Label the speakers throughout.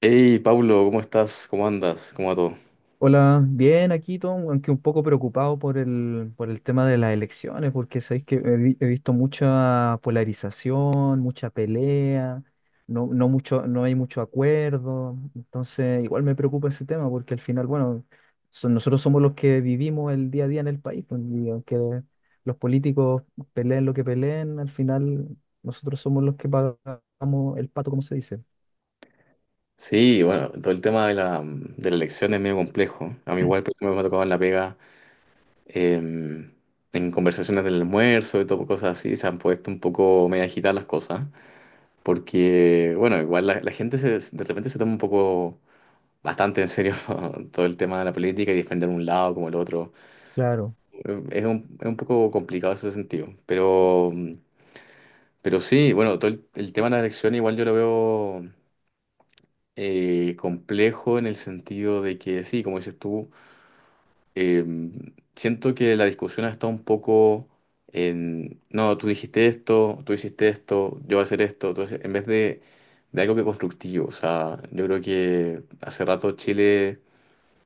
Speaker 1: Hey, Pablo, ¿cómo estás? ¿Cómo andas? ¿Cómo va todo?
Speaker 2: Hola, bien aquí, Tom, aunque un poco preocupado por el tema de las elecciones, porque sabéis que he visto mucha polarización, mucha pelea, no hay mucho acuerdo. Entonces igual me preocupa ese tema, porque al final, bueno, nosotros somos los que vivimos el día a día en el país, pues, y aunque los políticos peleen lo que peleen, al final nosotros somos los que pagamos el pato, como se dice.
Speaker 1: Sí, bueno, todo el tema de la elección es medio complejo. A mí igual porque me ha tocado en la pega, eh, en conversaciones del almuerzo y todo, pues, cosas así, se han puesto un poco medio agitadas las cosas, porque, bueno, igual la de repente se toma un poco bastante en serio todo el tema de la política y defender un lado como el otro.
Speaker 2: Claro.
Speaker 1: Es un poco complicado ese sentido, pero sí, bueno, todo el tema de la elección igual yo lo veo, complejo en el sentido de que, sí, como dices tú, eh, siento que la discusión está un poco en, no, tú dijiste esto, tú hiciste esto, yo voy a hacer esto, entonces, en vez de algo que constructivo, o sea, yo creo que hace rato Chile,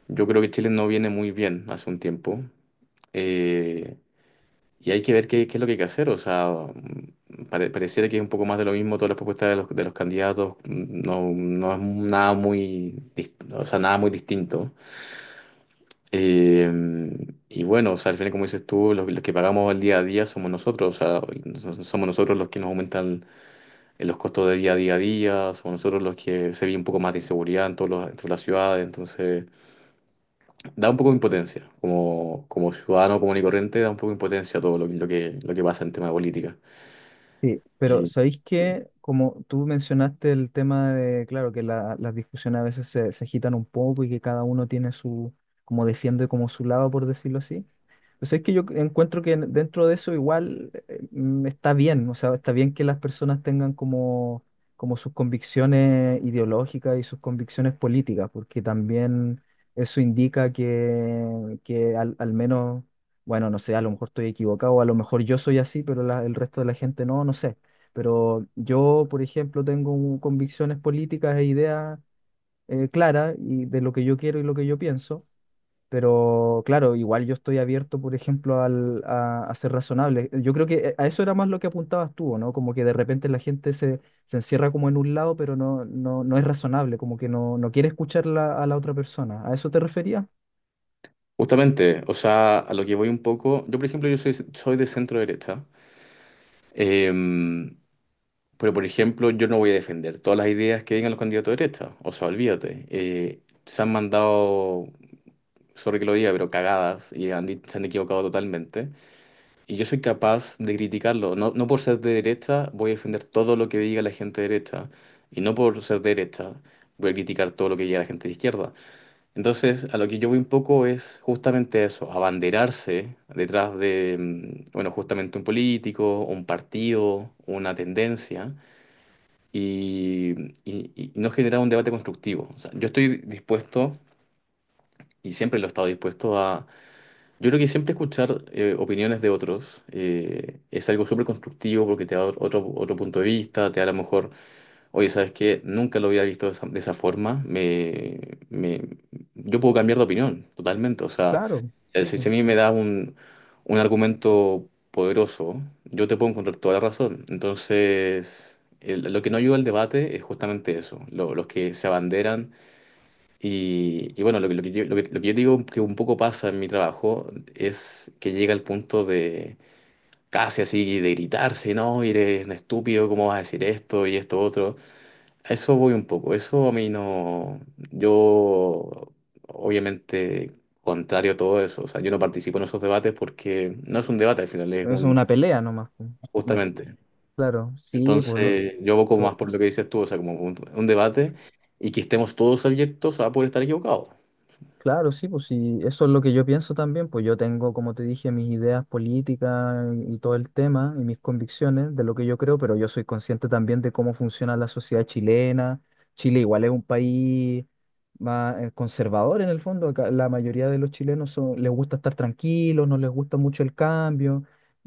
Speaker 1: yo creo que Chile no viene muy bien hace un tiempo. Eh, y hay que ver qué es lo que hay que hacer. O sea, pareciera que es un poco más de lo mismo todas las propuestas de de los candidatos. No es nada muy, nada muy distinto. Eh, y bueno, o sea, al final, como dices tú, los que pagamos el día a día somos nosotros. O sea, somos nosotros los que nos aumentan los costos de vida día a día. Somos nosotros los que se ve un poco más de inseguridad en, en todas las ciudades. Entonces, da un poco de impotencia. Como ciudadano común y corriente, da un poco de impotencia todo lo que, lo que pasa en tema de política.
Speaker 2: Sí, pero
Speaker 1: Y
Speaker 2: ¿sabéis que Como tú mencionaste el tema de, claro, que las discusiones a veces se agitan un poco y que cada uno tiene su, como defiende como su lado, por decirlo así. Pues es que yo encuentro que dentro de eso igual está bien, o sea, está bien que las personas tengan como, como sus convicciones ideológicas y sus convicciones políticas, porque también eso indica que al, al menos, bueno, no sé, a lo mejor estoy equivocado, a lo mejor yo soy así, pero el resto de la gente no, no sé. Pero yo, por ejemplo, tengo convicciones políticas e ideas claras, y de lo que yo quiero y lo que yo pienso. Pero claro, igual yo estoy abierto, por ejemplo, a ser razonable. Yo creo que a eso era más lo que apuntabas tú, ¿o no? Como que de repente la gente se, se encierra como en un lado, pero no es razonable, como que no, no quiere escuchar a la otra persona. ¿A eso te referías?
Speaker 1: Justamente, o sea, a lo que voy un poco, yo por ejemplo, yo soy de centro derecha, em, pero por ejemplo, yo no voy a defender todas las ideas que digan los candidatos de derecha, o sea, olvídate, se han mandado, sorry que lo diga, pero cagadas y se han equivocado totalmente, y yo soy capaz de criticarlo, no, no por ser de derecha voy a defender todo lo que diga la gente de derecha, y no por ser de derecha voy a criticar todo lo que diga la gente de izquierda. Entonces, a lo que yo voy un poco es justamente eso, abanderarse detrás de, bueno, justamente un político, un partido, una tendencia, y, y no generar un debate constructivo. O sea, yo estoy dispuesto, y siempre lo he estado dispuesto a, yo creo que siempre escuchar opiniones de otros, es algo súper constructivo porque te da otro punto de vista, te da a lo mejor. Oye, ¿sabes qué? Nunca lo había visto de esa forma. Me- yo puedo cambiar de opinión totalmente. O sea,
Speaker 2: Claro, sí, pues.
Speaker 1: si a mí me da un argumento poderoso, yo te puedo encontrar toda la razón. Entonces, lo que no ayuda al debate es justamente eso, los que se abanderan. Y bueno, lo que yo digo que un poco pasa en mi trabajo es que llega al punto de casi así de gritarse, ¿no? Y eres un estúpido, ¿cómo vas a decir esto y esto otro? A eso voy un poco. Eso a mí no. Yo, obviamente, contrario a todo eso. O sea, yo no participo en esos debates porque no es un debate al final, es
Speaker 2: Es
Speaker 1: un.
Speaker 2: una pelea nomás, pues. Una-
Speaker 1: Justamente.
Speaker 2: claro, sí, pues no,
Speaker 1: Entonces, yo abogo más
Speaker 2: to-
Speaker 1: por lo que dices tú, o sea, como un debate y que estemos todos abiertos a poder estar equivocados.
Speaker 2: claro, sí, pues sí, eso es lo que yo pienso también. Pues yo tengo, como te dije, mis ideas políticas y todo el tema y mis convicciones de lo que yo creo, pero yo soy consciente también de cómo funciona la sociedad chilena. Chile igual es un país más conservador en el fondo. Acá la mayoría de los chilenos les gusta estar tranquilos, no les gusta mucho el cambio.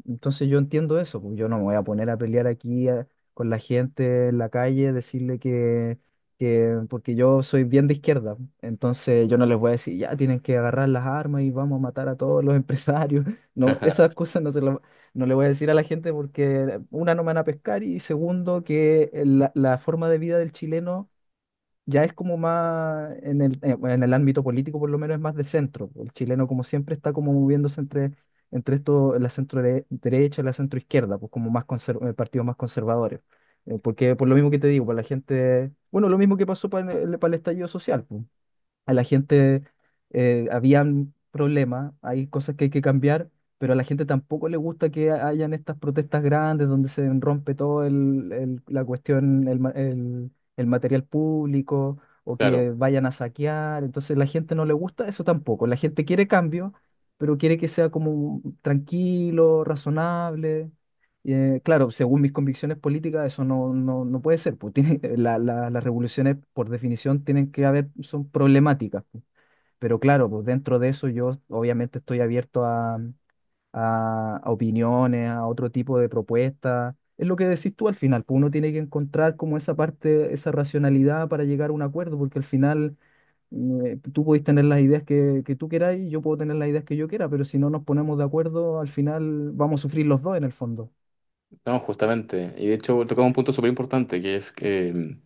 Speaker 2: Entonces yo entiendo eso, pues yo no me voy a poner a pelear aquí con la gente en la calle, decirle que, porque yo soy bien de izquierda, entonces yo no les voy a decir, ya tienen que agarrar las armas y vamos a matar a todos los empresarios. No,
Speaker 1: Ajá.
Speaker 2: esas cosas no se las, no le voy a decir a la gente, porque una, no me van a pescar, y segundo, que la forma de vida del chileno ya es como más, en el, bueno, en el ámbito político por lo menos es más de centro. El chileno como siempre está como moviéndose entre, entre esto, la derecha y la centro izquierda, pues como más partidos más conservadores. Porque por lo mismo que te digo, para la gente, bueno, lo mismo que pasó para para el estallido social, pues. A la gente habían problemas, hay cosas que hay que cambiar, pero a la gente tampoco le gusta que hayan estas protestas grandes donde se rompe todo la cuestión, el material público, o
Speaker 1: Claro,
Speaker 2: que vayan a saquear. Entonces la gente no le gusta eso tampoco. La gente quiere cambio, pero quiere que sea como tranquilo, razonable. Y, claro, según mis convicciones políticas, eso no puede ser. Pues tiene, las revoluciones, por definición, tienen que haber, son problemáticas, pues. Pero claro, pues dentro de eso yo obviamente estoy abierto a, a opiniones, a otro tipo de propuestas. Es lo que decís tú al final, pues uno tiene que encontrar como esa parte, esa racionalidad para llegar a un acuerdo, porque al final tú podés tener las ideas que tú quieras y yo puedo tener las ideas que yo quiera, pero si no nos ponemos de acuerdo, al final vamos a sufrir los dos en el fondo.
Speaker 1: no, justamente. Y de hecho, tocaba un punto súper importante, que es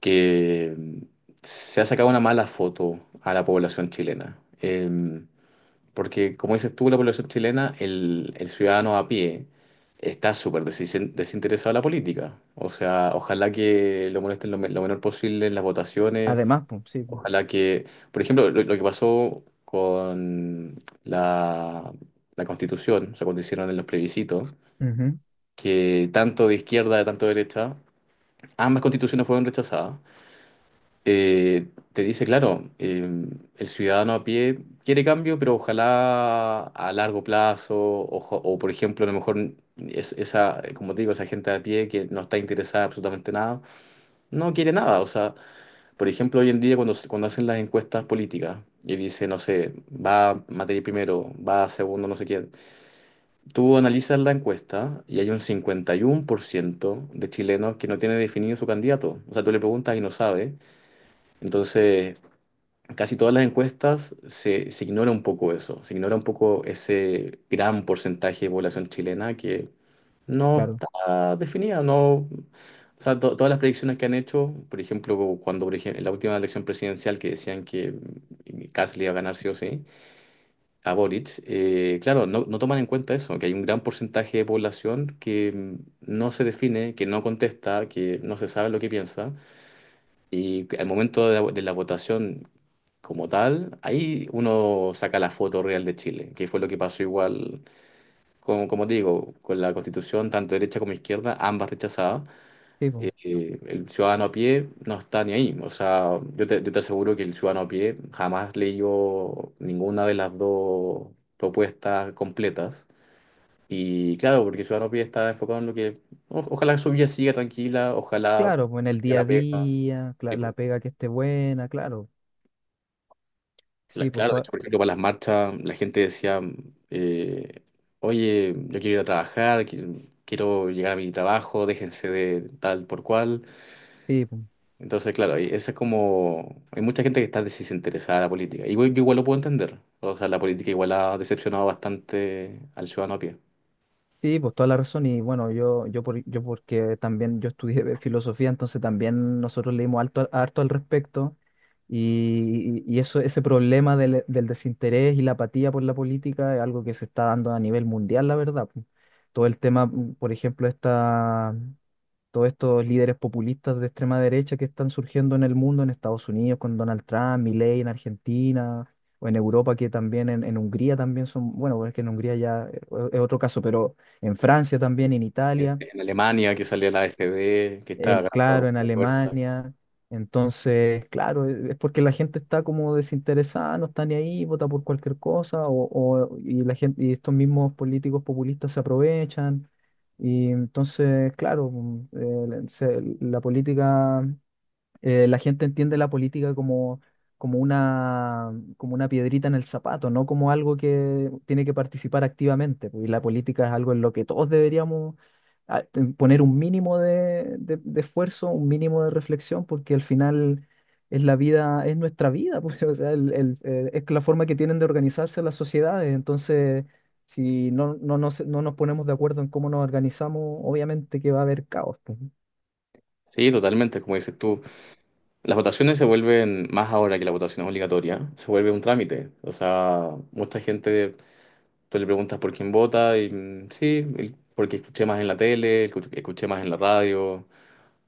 Speaker 1: que se ha sacado una mala foto a la población chilena. Porque, como dices tú, la población chilena, el ciudadano a pie, está desinteresado de la política. O sea, ojalá que lo molesten lo menor posible en las votaciones.
Speaker 2: Además, pues, sí, pues.
Speaker 1: Ojalá que, por ejemplo, lo que pasó con la, la Constitución, o sea, cuando hicieron en los plebiscitos,
Speaker 2: Ujú,
Speaker 1: que tanto de izquierda, tanto de derecha, ambas constituciones fueron rechazadas, te dice, claro, el ciudadano a pie quiere cambio, pero ojalá a largo plazo, por ejemplo, a lo mejor esa, como te digo, esa gente a pie que no está interesada en absolutamente nada, no quiere nada. O sea, por ejemplo, hoy en día cuando hacen las encuestas políticas y dice, no sé, va materia primero, va segundo, no sé quién, tú analizas la encuesta y hay un 51% de chilenos que no tiene definido su candidato. O sea, tú le preguntas y no sabe. Entonces casi todas las encuestas se ignora un poco eso, se ignora un poco ese gran porcentaje de población chilena que no
Speaker 2: claro,
Speaker 1: está definida, no, o sea, todas las predicciones que han hecho, por ejemplo, en la última elección presidencial que decían que Kast le iba a ganar sí o sí a Boric, claro, no toman en cuenta eso, que hay un gran porcentaje de población que no se define, que no contesta, que no se sabe lo que piensa. Y al momento de la votación como tal, ahí uno saca la foto real de Chile, que fue lo que pasó igual, con, como te digo, con la constitución, tanto derecha como izquierda, ambas rechazadas.
Speaker 2: sí, po.
Speaker 1: El ciudadano a pie no está ni ahí. O sea, yo te aseguro que el ciudadano a pie jamás leyó ninguna de las dos propuestas completas. Y claro, porque el ciudadano a pie está enfocado en lo que, ojalá su vida siga tranquila, ojalá haga
Speaker 2: Claro, pues en el día a
Speaker 1: la pega.
Speaker 2: día, la pega que esté buena, claro. Sí, pues
Speaker 1: Claro, de hecho,
Speaker 2: toda,
Speaker 1: por ejemplo, para las marchas, la gente decía, eh, oye, yo quiero ir a trabajar, quiero llegar a mi trabajo, déjense de tal por cual.
Speaker 2: sí, pues,
Speaker 1: Entonces, claro, y esa es como, hay mucha gente que está desinteresada de la política. Yo igual lo puedo entender. O sea, la política igual ha decepcionado bastante al ciudadano a pie.
Speaker 2: sí, pues toda la razón. Y bueno, yo porque también yo estudié de filosofía, entonces también nosotros leímos harto, harto al respecto. Y eso, ese problema del desinterés y la apatía por la política es algo que se está dando a nivel mundial, la verdad, pues. Todo el tema, por ejemplo, esta. Todos estos líderes populistas de extrema derecha que están surgiendo en el mundo, en Estados Unidos con Donald Trump, Milei en Argentina, o en Europa que también, en Hungría también son, bueno, es que en Hungría ya es otro caso, pero en Francia también, en
Speaker 1: En,
Speaker 2: Italia
Speaker 1: en Alemania, que salió la AfD, que está ganando
Speaker 2: claro, en
Speaker 1: fuerza.
Speaker 2: Alemania. Entonces, claro, es porque la gente está como desinteresada, no está ni ahí, vota por cualquier cosa, o- y la gente, y estos mismos políticos populistas se aprovechan. Y entonces, claro, la política la gente entiende la política como, como una piedrita en el zapato, no como algo que tiene que participar activamente, pues. Y la política es algo en lo que todos deberíamos poner un mínimo de, de esfuerzo, un mínimo de reflexión, porque al final es la vida, es nuestra vida, pues, o sea, es la forma que tienen de organizarse las sociedades. Entonces, si no nos ponemos de acuerdo en cómo nos organizamos, obviamente que va a haber caos, pues.
Speaker 1: Sí, totalmente, como dices tú. Las votaciones se vuelven, más ahora que la votación es obligatoria, se vuelve un trámite. O sea, mucha gente, tú le preguntas por quién vota y sí, porque escuché más en la tele, escuché más en la radio.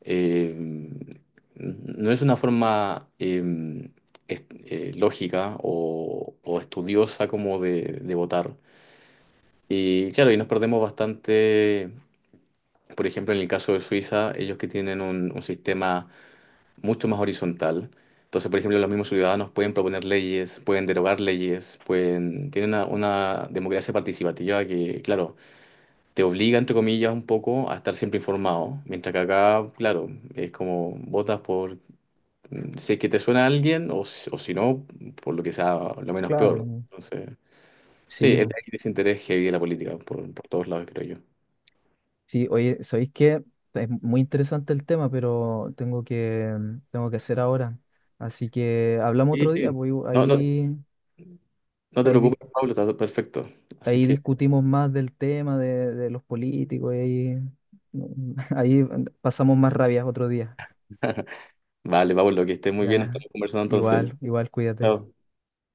Speaker 1: Eh, no es una forma lógica o estudiosa como de votar. Y claro, y nos perdemos bastante, por ejemplo, en el caso de Suiza, ellos que tienen un sistema mucho más horizontal. Entonces, por ejemplo, los mismos ciudadanos pueden proponer leyes, pueden derogar leyes, pueden. Tienen una democracia participativa que, claro, te obliga, entre comillas, un poco a estar siempre informado. Mientras que acá, claro, es como votas por, si es que te suena a alguien o si no, por lo que sea lo menos peor.
Speaker 2: Claro,
Speaker 1: Entonces, sí,
Speaker 2: sí,
Speaker 1: es de
Speaker 2: pues.
Speaker 1: ahí desinterés heavy de la política, por todos lados, creo yo.
Speaker 2: Sí, oye, ¿sabéis qué? Es muy interesante el tema, pero tengo que, tengo que hacer ahora. Así que hablamos
Speaker 1: Sí,
Speaker 2: otro día,
Speaker 1: sí.
Speaker 2: pues, y
Speaker 1: No, no,
Speaker 2: ahí,
Speaker 1: no te
Speaker 2: ahí, dis-
Speaker 1: preocupes, Pablo, está todo perfecto. Así
Speaker 2: ahí
Speaker 1: que,
Speaker 2: discutimos más del tema de los políticos, y ahí, ahí pasamos más rabias otro día.
Speaker 1: vale, Pablo, que estés muy bien,
Speaker 2: Ya,
Speaker 1: estamos conversando entonces.
Speaker 2: igual, igual, cuídate.
Speaker 1: Chao.